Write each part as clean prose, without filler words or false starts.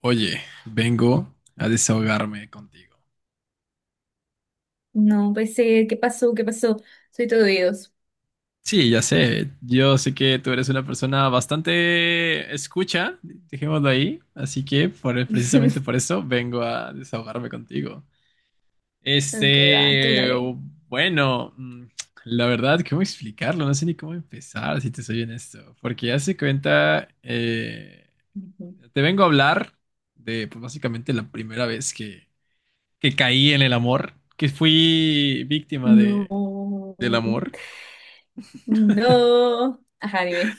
Oye, vengo a desahogarme contigo. No, pues ¿qué pasó? ¿Qué pasó? Soy todo oídos. Sí, ya sé, yo sé que tú eres una persona bastante escucha, dejémoslo ahí, así que precisamente por eso vengo a desahogarme contigo. Ok, va, tú Este, dale. bueno, la verdad, ¿cómo explicarlo? No sé ni cómo empezar, si te soy honesto, porque ya se cuenta, Ujú. te vengo a hablar de, pues básicamente la primera vez que caí en el amor, que fui víctima No. del amor. No. Ajá, dime.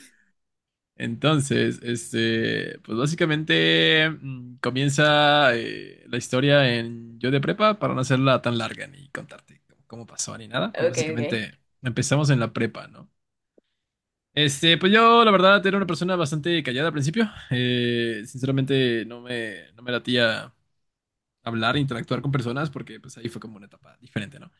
Entonces, pues básicamente comienza la historia en yo de prepa para no hacerla tan larga ni contarte cómo pasó ni nada. Pues Ok, ok. básicamente empezamos en la prepa, ¿no? Pues yo la verdad era una persona bastante callada al principio. Sinceramente no me latía hablar, interactuar con personas porque pues ahí fue como una etapa diferente, ¿no?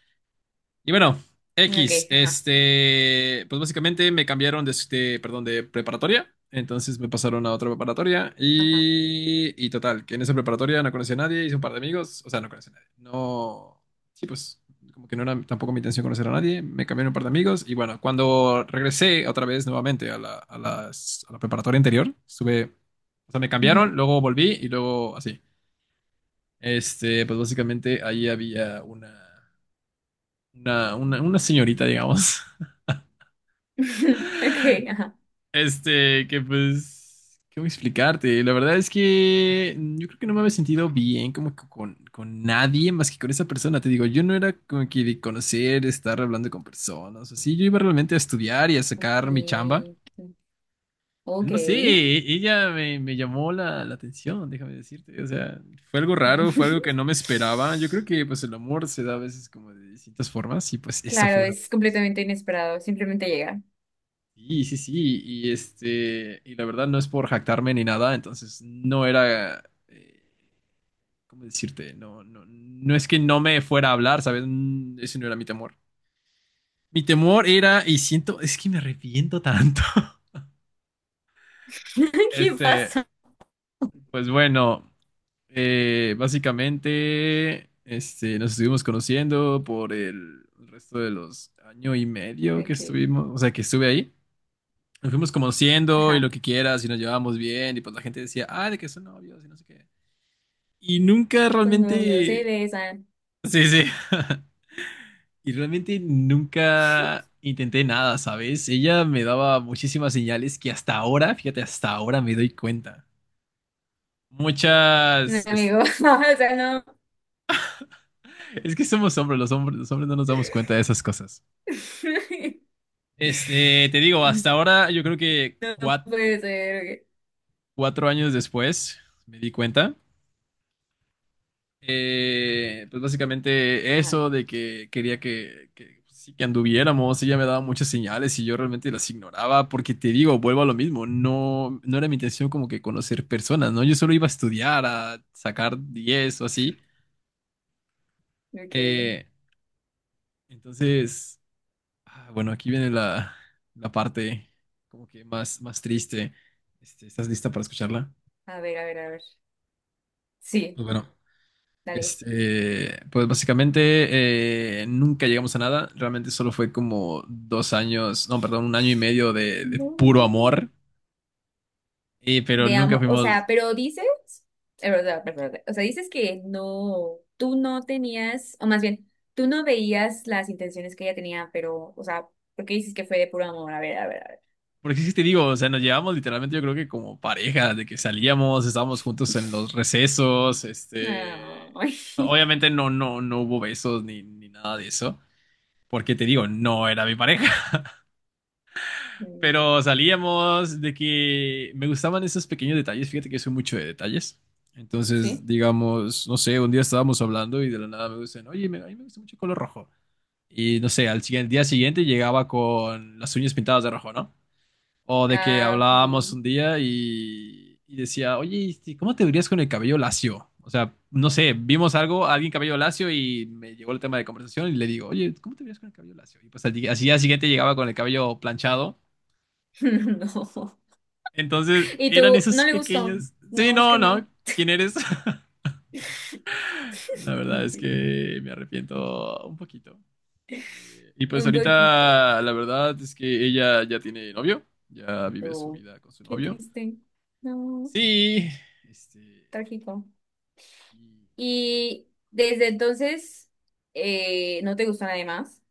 Y bueno, Ok, X, ajá, pues básicamente me cambiaron, perdón, de preparatoria, entonces me pasaron a otra preparatoria ajá. y total, que en esa preparatoria no conocí a nadie, hice un par de amigos, o sea, no conocí a nadie, no, sí, pues como que no era tampoco mi intención conocer a nadie, me cambiaron un par de amigos y bueno, cuando regresé otra vez nuevamente a la preparatoria anterior, estuve, o sea, me cambiaron, Ujú. luego volví y luego así. Pues básicamente ahí había una señorita, digamos. Ok, ajá. Que pues, ¿cómo explicarte? La verdad es que yo creo que no me había sentido bien como que con nadie más que con esa persona. Te digo, yo no era como que de conocer, estar hablando con personas, así. Yo iba realmente a estudiar y a sacar mi chamba. Ok. Ok. No sé, ella me llamó la atención, déjame decirte. O sea, fue algo raro, fue algo que no me esperaba. Yo creo que pues el amor se da a veces como de distintas formas y pues esta Claro, fue una de es ellas. completamente inesperado. Simplemente llega. Sí, sí, sí, y la verdad no es por jactarme ni nada, entonces no era, eh, ¿cómo decirte? No, no, no es que no me fuera a hablar, ¿sabes? Ese no era mi temor. Mi temor era, y siento, es que me arrepiento tanto. ¿Qué Este, pasa? pues bueno, básicamente, nos estuvimos conociendo por el resto de los año y medio que Ok. estuvimos, o sea, que estuve ahí. Nos fuimos conociendo y lo Ajá. que quieras y nos llevábamos bien y pues la gente decía, ah, de que son novios y no sé qué. Y nunca Son novios, se realmente. besan. Sí, sí. Y realmente nunca intenté nada, ¿sabes? Ella me daba muchísimas señales que hasta ahora, fíjate, hasta ahora me doy cuenta. Un Muchas. Es, amigo. O sea, no. es que somos hombres, los hombres, los hombres no nos damos cuenta de esas cosas. Te digo, No hasta ahora yo creo que puede ser. Ok. 4 años después me di cuenta. Pues básicamente Ajá, eso de que quería sí, que anduviéramos, ella me daba muchas señales y yo realmente las ignoraba porque te digo, vuelvo a lo mismo, no, no era mi intención como que conocer personas, ¿no? Yo solo iba a estudiar, a sacar 10 o así. ok. Eh, entonces, ah, bueno, aquí viene la parte como que más, más triste. ¿Estás lista para escucharla? A ver, a ver, a ver. Sí, Pues bueno. dale. Pues básicamente nunca llegamos a nada. Realmente solo fue como 2 años, no, perdón, un año y medio de puro No. amor. Pero De nunca amor, o sea, fuimos, pero dices, o sea, perdón, o sea, dices que no, tú no tenías, o más bien, tú no veías las intenciones que ella tenía, pero, o sea, ¿por qué dices que fue de puro amor? A ver, a ver, a ver. porque sí sí te digo, o sea, nos llevamos literalmente, yo creo que como pareja, de que salíamos, estábamos juntos en los recesos. Ay. Obviamente no, no, no hubo besos ni nada de eso, porque te digo, no era mi pareja. Mm, Pero salíamos de que me gustaban esos pequeños detalles. Fíjate que soy mucho de detalles. Entonces, ¿sí? digamos, no sé, un día estábamos hablando y de la nada me dicen, oye, a mí me gusta mucho el color rojo. Y no sé, día siguiente llegaba con las uñas pintadas de rojo, ¿no? O de que Ah, hablábamos ok. un día y decía, oye, ¿cómo te verías con el cabello lacio? O sea, no sé, vimos algo, alguien cabello lacio y me llegó el tema de conversación y le digo, oye, ¿cómo te verías con el cabello lacio? Y pues al día siguiente llegaba con el cabello planchado. No. Entonces, Y eran tú, esos no le gustó. pequeños. Sí, No, es no, que no. no. ¿Quién eres? La verdad Ok, es que me arrepiento un poquito. Y pues un poquito. ahorita la verdad es que ella ya tiene novio, ya vive su Oh, vida con su qué novio. triste. No, Sí, este... trágico. y, Y desde entonces, ¿no te gustó nadie más?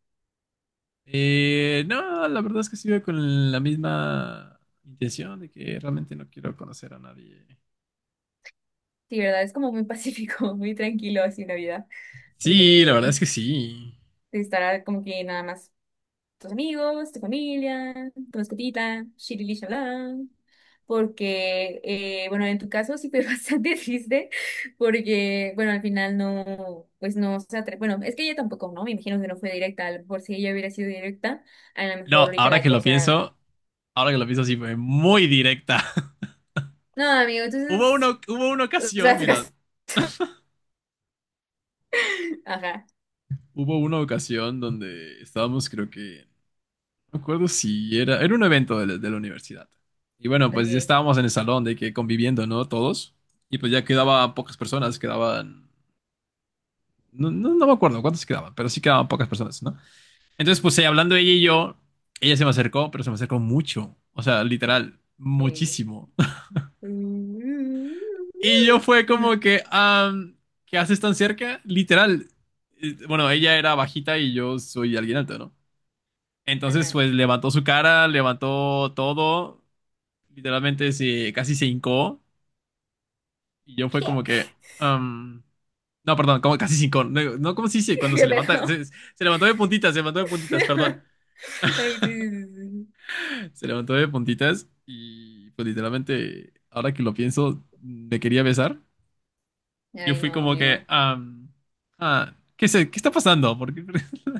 no, la verdad es que sigo con la misma intención de que realmente no quiero conocer a nadie. Sí, ¿verdad? Es como muy pacífico, muy tranquilo así la vida. Sí, la verdad De, es que sí. de estar como que nada más tus amigos, tu familia, tu mascotita, shirili shalá. Porque, bueno, en tu caso sí fue bastante triste, porque, bueno, al final no, pues no se Bueno, es que ella tampoco, ¿no? Me imagino que no fue directa, a lo mejor si ella hubiera sido directa, a lo mejor No, ahorita la cosa. Ahora que lo pienso sí fue muy directa. No, amigo, entonces, o sea, tu Mira, caso. Ajá, hubo una ocasión donde estábamos, creo que, no me acuerdo si era un evento de la universidad. Y bueno, pues ya ok, estábamos en el salón de que conviviendo, ¿no? Todos. Y pues ya ajá, quedaban pocas personas, quedaban, no, no, no me acuerdo cuántas quedaban, pero sí quedaban pocas personas, ¿no? Entonces, pues ahí hablando ella y yo, ella se me acercó, pero se me acercó mucho. O sea, literal, ok. muchísimo. Y yo fue como Ujú, que, ¿qué haces tan cerca? Literal. Bueno, ella era bajita y yo soy alguien alto, ¿no? Entonces, ajá. pues levantó su cara, levantó todo, literalmente casi se hincó. Y yo fue ¿Qué? como que, am, no, perdón, como casi se hincó. No, no, ¿cómo se dice? Cuando se ¿Qué levanta, pedo? Se levantó de puntitas, se levantó de puntitas, perdón. Ay, sí, sí, sí, sí. Se levantó de puntitas y pues literalmente, ahora que lo pienso, me quería besar. Y yo Ay, fui no, como que, amigo. Ah, ¿qué sé, qué está pasando? Porque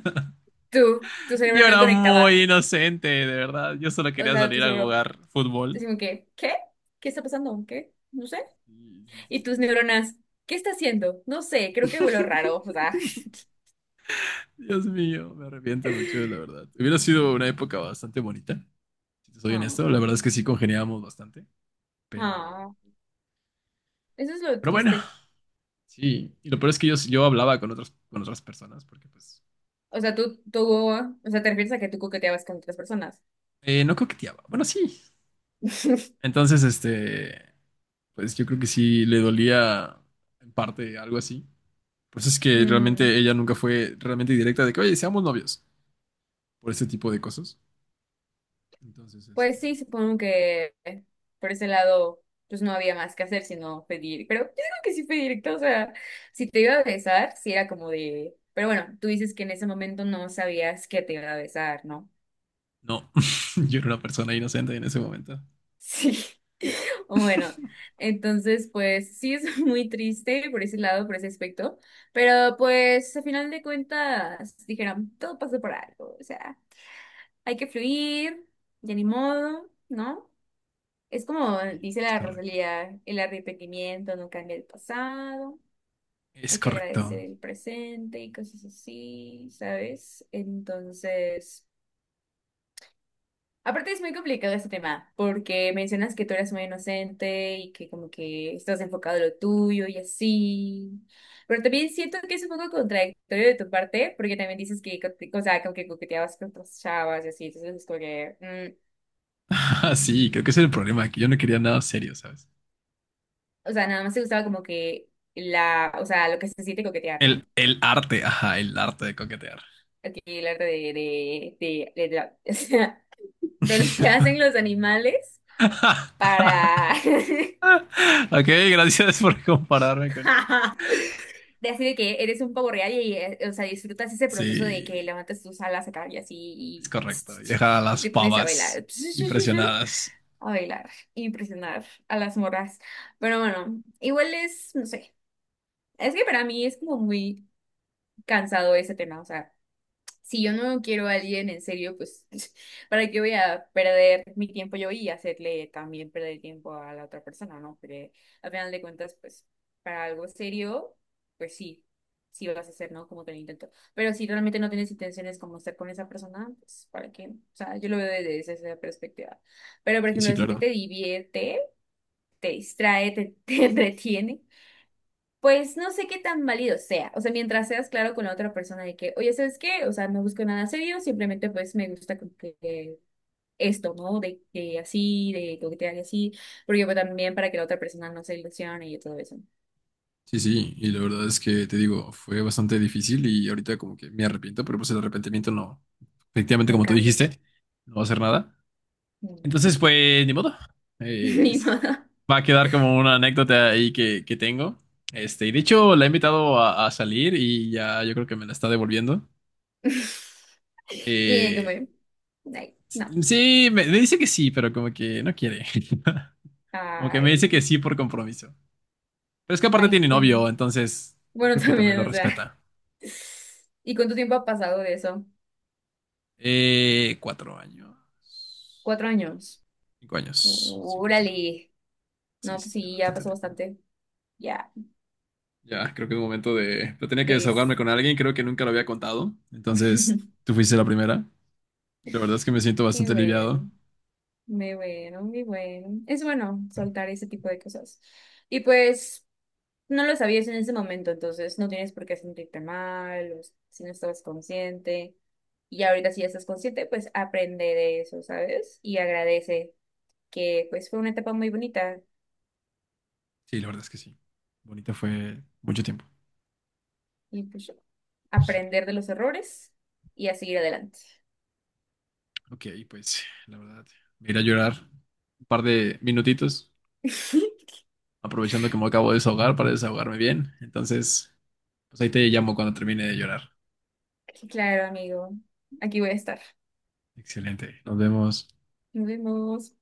Tú, tu cerebro yo no era muy conectaba. inocente, de verdad. Yo solo O quería sea, tu salir a cerebro, jugar fútbol. decimos que, ¿qué? ¿Qué está pasando? ¿Qué? No sé. Sí, sí, Y tus sí. neuronas, ¿qué está haciendo? No sé, creo que huelo raro. O sea, Dios mío, me arrepiento mucho, la verdad. Hubiera sido una época bastante bonita, si te soy honesto. La oh, verdad es que sí congeniábamos bastante, pero, oh. Eso es lo pero bueno, triste. sí. Y lo peor es que yo hablaba con otras personas, porque pues, O sea, tú, o sea, te refieres a que tú coqueteabas con otras personas. No coqueteaba. Bueno, sí. Entonces, pues yo creo que sí le dolía en parte algo así. Pues es que Mm. realmente ella nunca fue realmente directa de que, oye, seamos novios por ese tipo de cosas. Entonces, Pues sí, supongo que por ese lado, pues no había más que hacer sino pedir. Pero yo digo que sí fue directo, o sea, si te iba a besar, sí era como de. Pero bueno, tú dices que en ese momento no sabías que te iba a besar, ¿no? no, yo era una persona inocente en ese momento. Sí. Bueno, entonces, pues sí es muy triste por ese lado, por ese aspecto. Pero pues a final de cuentas, dijeron, todo pasó por algo, o sea, hay que fluir, ya ni modo, ¿no? Es como Y dice es la correcto. Rosalía, el arrepentimiento no cambia el pasado, Es hay que agradecer correcto. el presente y cosas así, ¿sabes? Entonces, aparte es muy complicado este tema, porque mencionas que tú eres muy inocente y que como que estás enfocado en lo tuyo y así, pero también siento que es un poco contradictorio de tu parte, porque también dices que, o sea, como que coqueteabas con otras chavas y así, entonces es como que, mm, Ah, sí, creo que ese era el problema, que yo no quería nada serio, ¿sabes? o sea, nada más te gustaba como que la, o sea, lo que se siente coquetear, El, ¿no? el arte, ajá, el arte de coquetear. Aquí el arte de o sea, de lo que hacen los animales para Ok, gracias por compararme con. de así de que eres un pavo real y o sea, disfrutas ese proceso de que Sí, levantas tus alas acá y así es y, correcto. Y dejar a y las te pones a pavas bailar. impresionadas. A bailar, impresionar a las morras. Pero bueno, igual es, no sé, es que para mí es como muy cansado ese tema, o sea. Si yo no quiero a alguien en serio, pues, ¿para qué voy a perder mi tiempo yo y hacerle también perder tiempo a la otra persona, ¿no? Pero al final de cuentas, pues, para algo serio, pues sí, sí lo vas a hacer, ¿no? Como que lo intento. Pero si realmente no tienes intenciones como estar con esa persona, pues, ¿para qué? O sea, yo lo veo desde esa perspectiva. Pero, por Sí, sí, ejemplo, si a ti claro. te divierte, te distrae, te, te entretiene. Pues no sé qué tan válido sea, o sea, mientras seas claro con la otra persona de que, oye, ¿sabes qué? O sea, no busco nada serio, simplemente pues me gusta como que esto, ¿no? De que así, de coquetear y así, porque pues, también para que la otra persona no se ilusione y todo eso. Sí, sí, y la verdad es que te digo, fue bastante difícil y ahorita como que me arrepiento, pero pues el arrepentimiento no, efectivamente No como tú cambia. dijiste, no va a hacer nada. Mm. Entonces, pues, ni modo. Eh, Ni es- modo. Va a quedar como una anécdota ahí que tengo. Y de hecho la he invitado a salir y ya yo creo que me la está devolviendo. Y Eh, como, ay, no, sí, me dice que sí, pero como que no quiere. Como que me ay, dice que sí por compromiso. Pero es que aparte ay, tiene que... novio, entonces yo Bueno, creo que también lo también, o sea. respeta. ¿Y cuánto tiempo ha pasado de eso? 4 años. 4 años. 5 años. Cinco, cinco. Órale. Sí, No, sí, pues tiene sí, ya bastante pasó tiempo. bastante. Ya, Ya, creo que es momento de. Pero tenía que desahogarme pues. con alguien, creo que nunca lo había contado. Entonces, tú fuiste la primera. La verdad es que me siento Qué bastante aliviado. bueno, muy bueno, muy bueno. Es bueno soltar ese tipo de cosas. Y pues, no lo sabías en ese momento, entonces no tienes por qué sentirte mal, o si no estabas consciente. Y ahorita si ya estás consciente, pues aprende de eso, ¿sabes? Y agradece que pues fue una etapa muy bonita. Sí, la verdad es que sí. Bonita fue mucho tiempo. Y pues aprender de los errores y a seguir adelante. Ok, pues la verdad, me iré a llorar un par de minutitos, aprovechando que me acabo de desahogar para desahogarme bien. Entonces, pues ahí te llamo cuando termine de llorar. Claro, amigo. Aquí voy a estar. Excelente. Nos vemos. Nos vemos.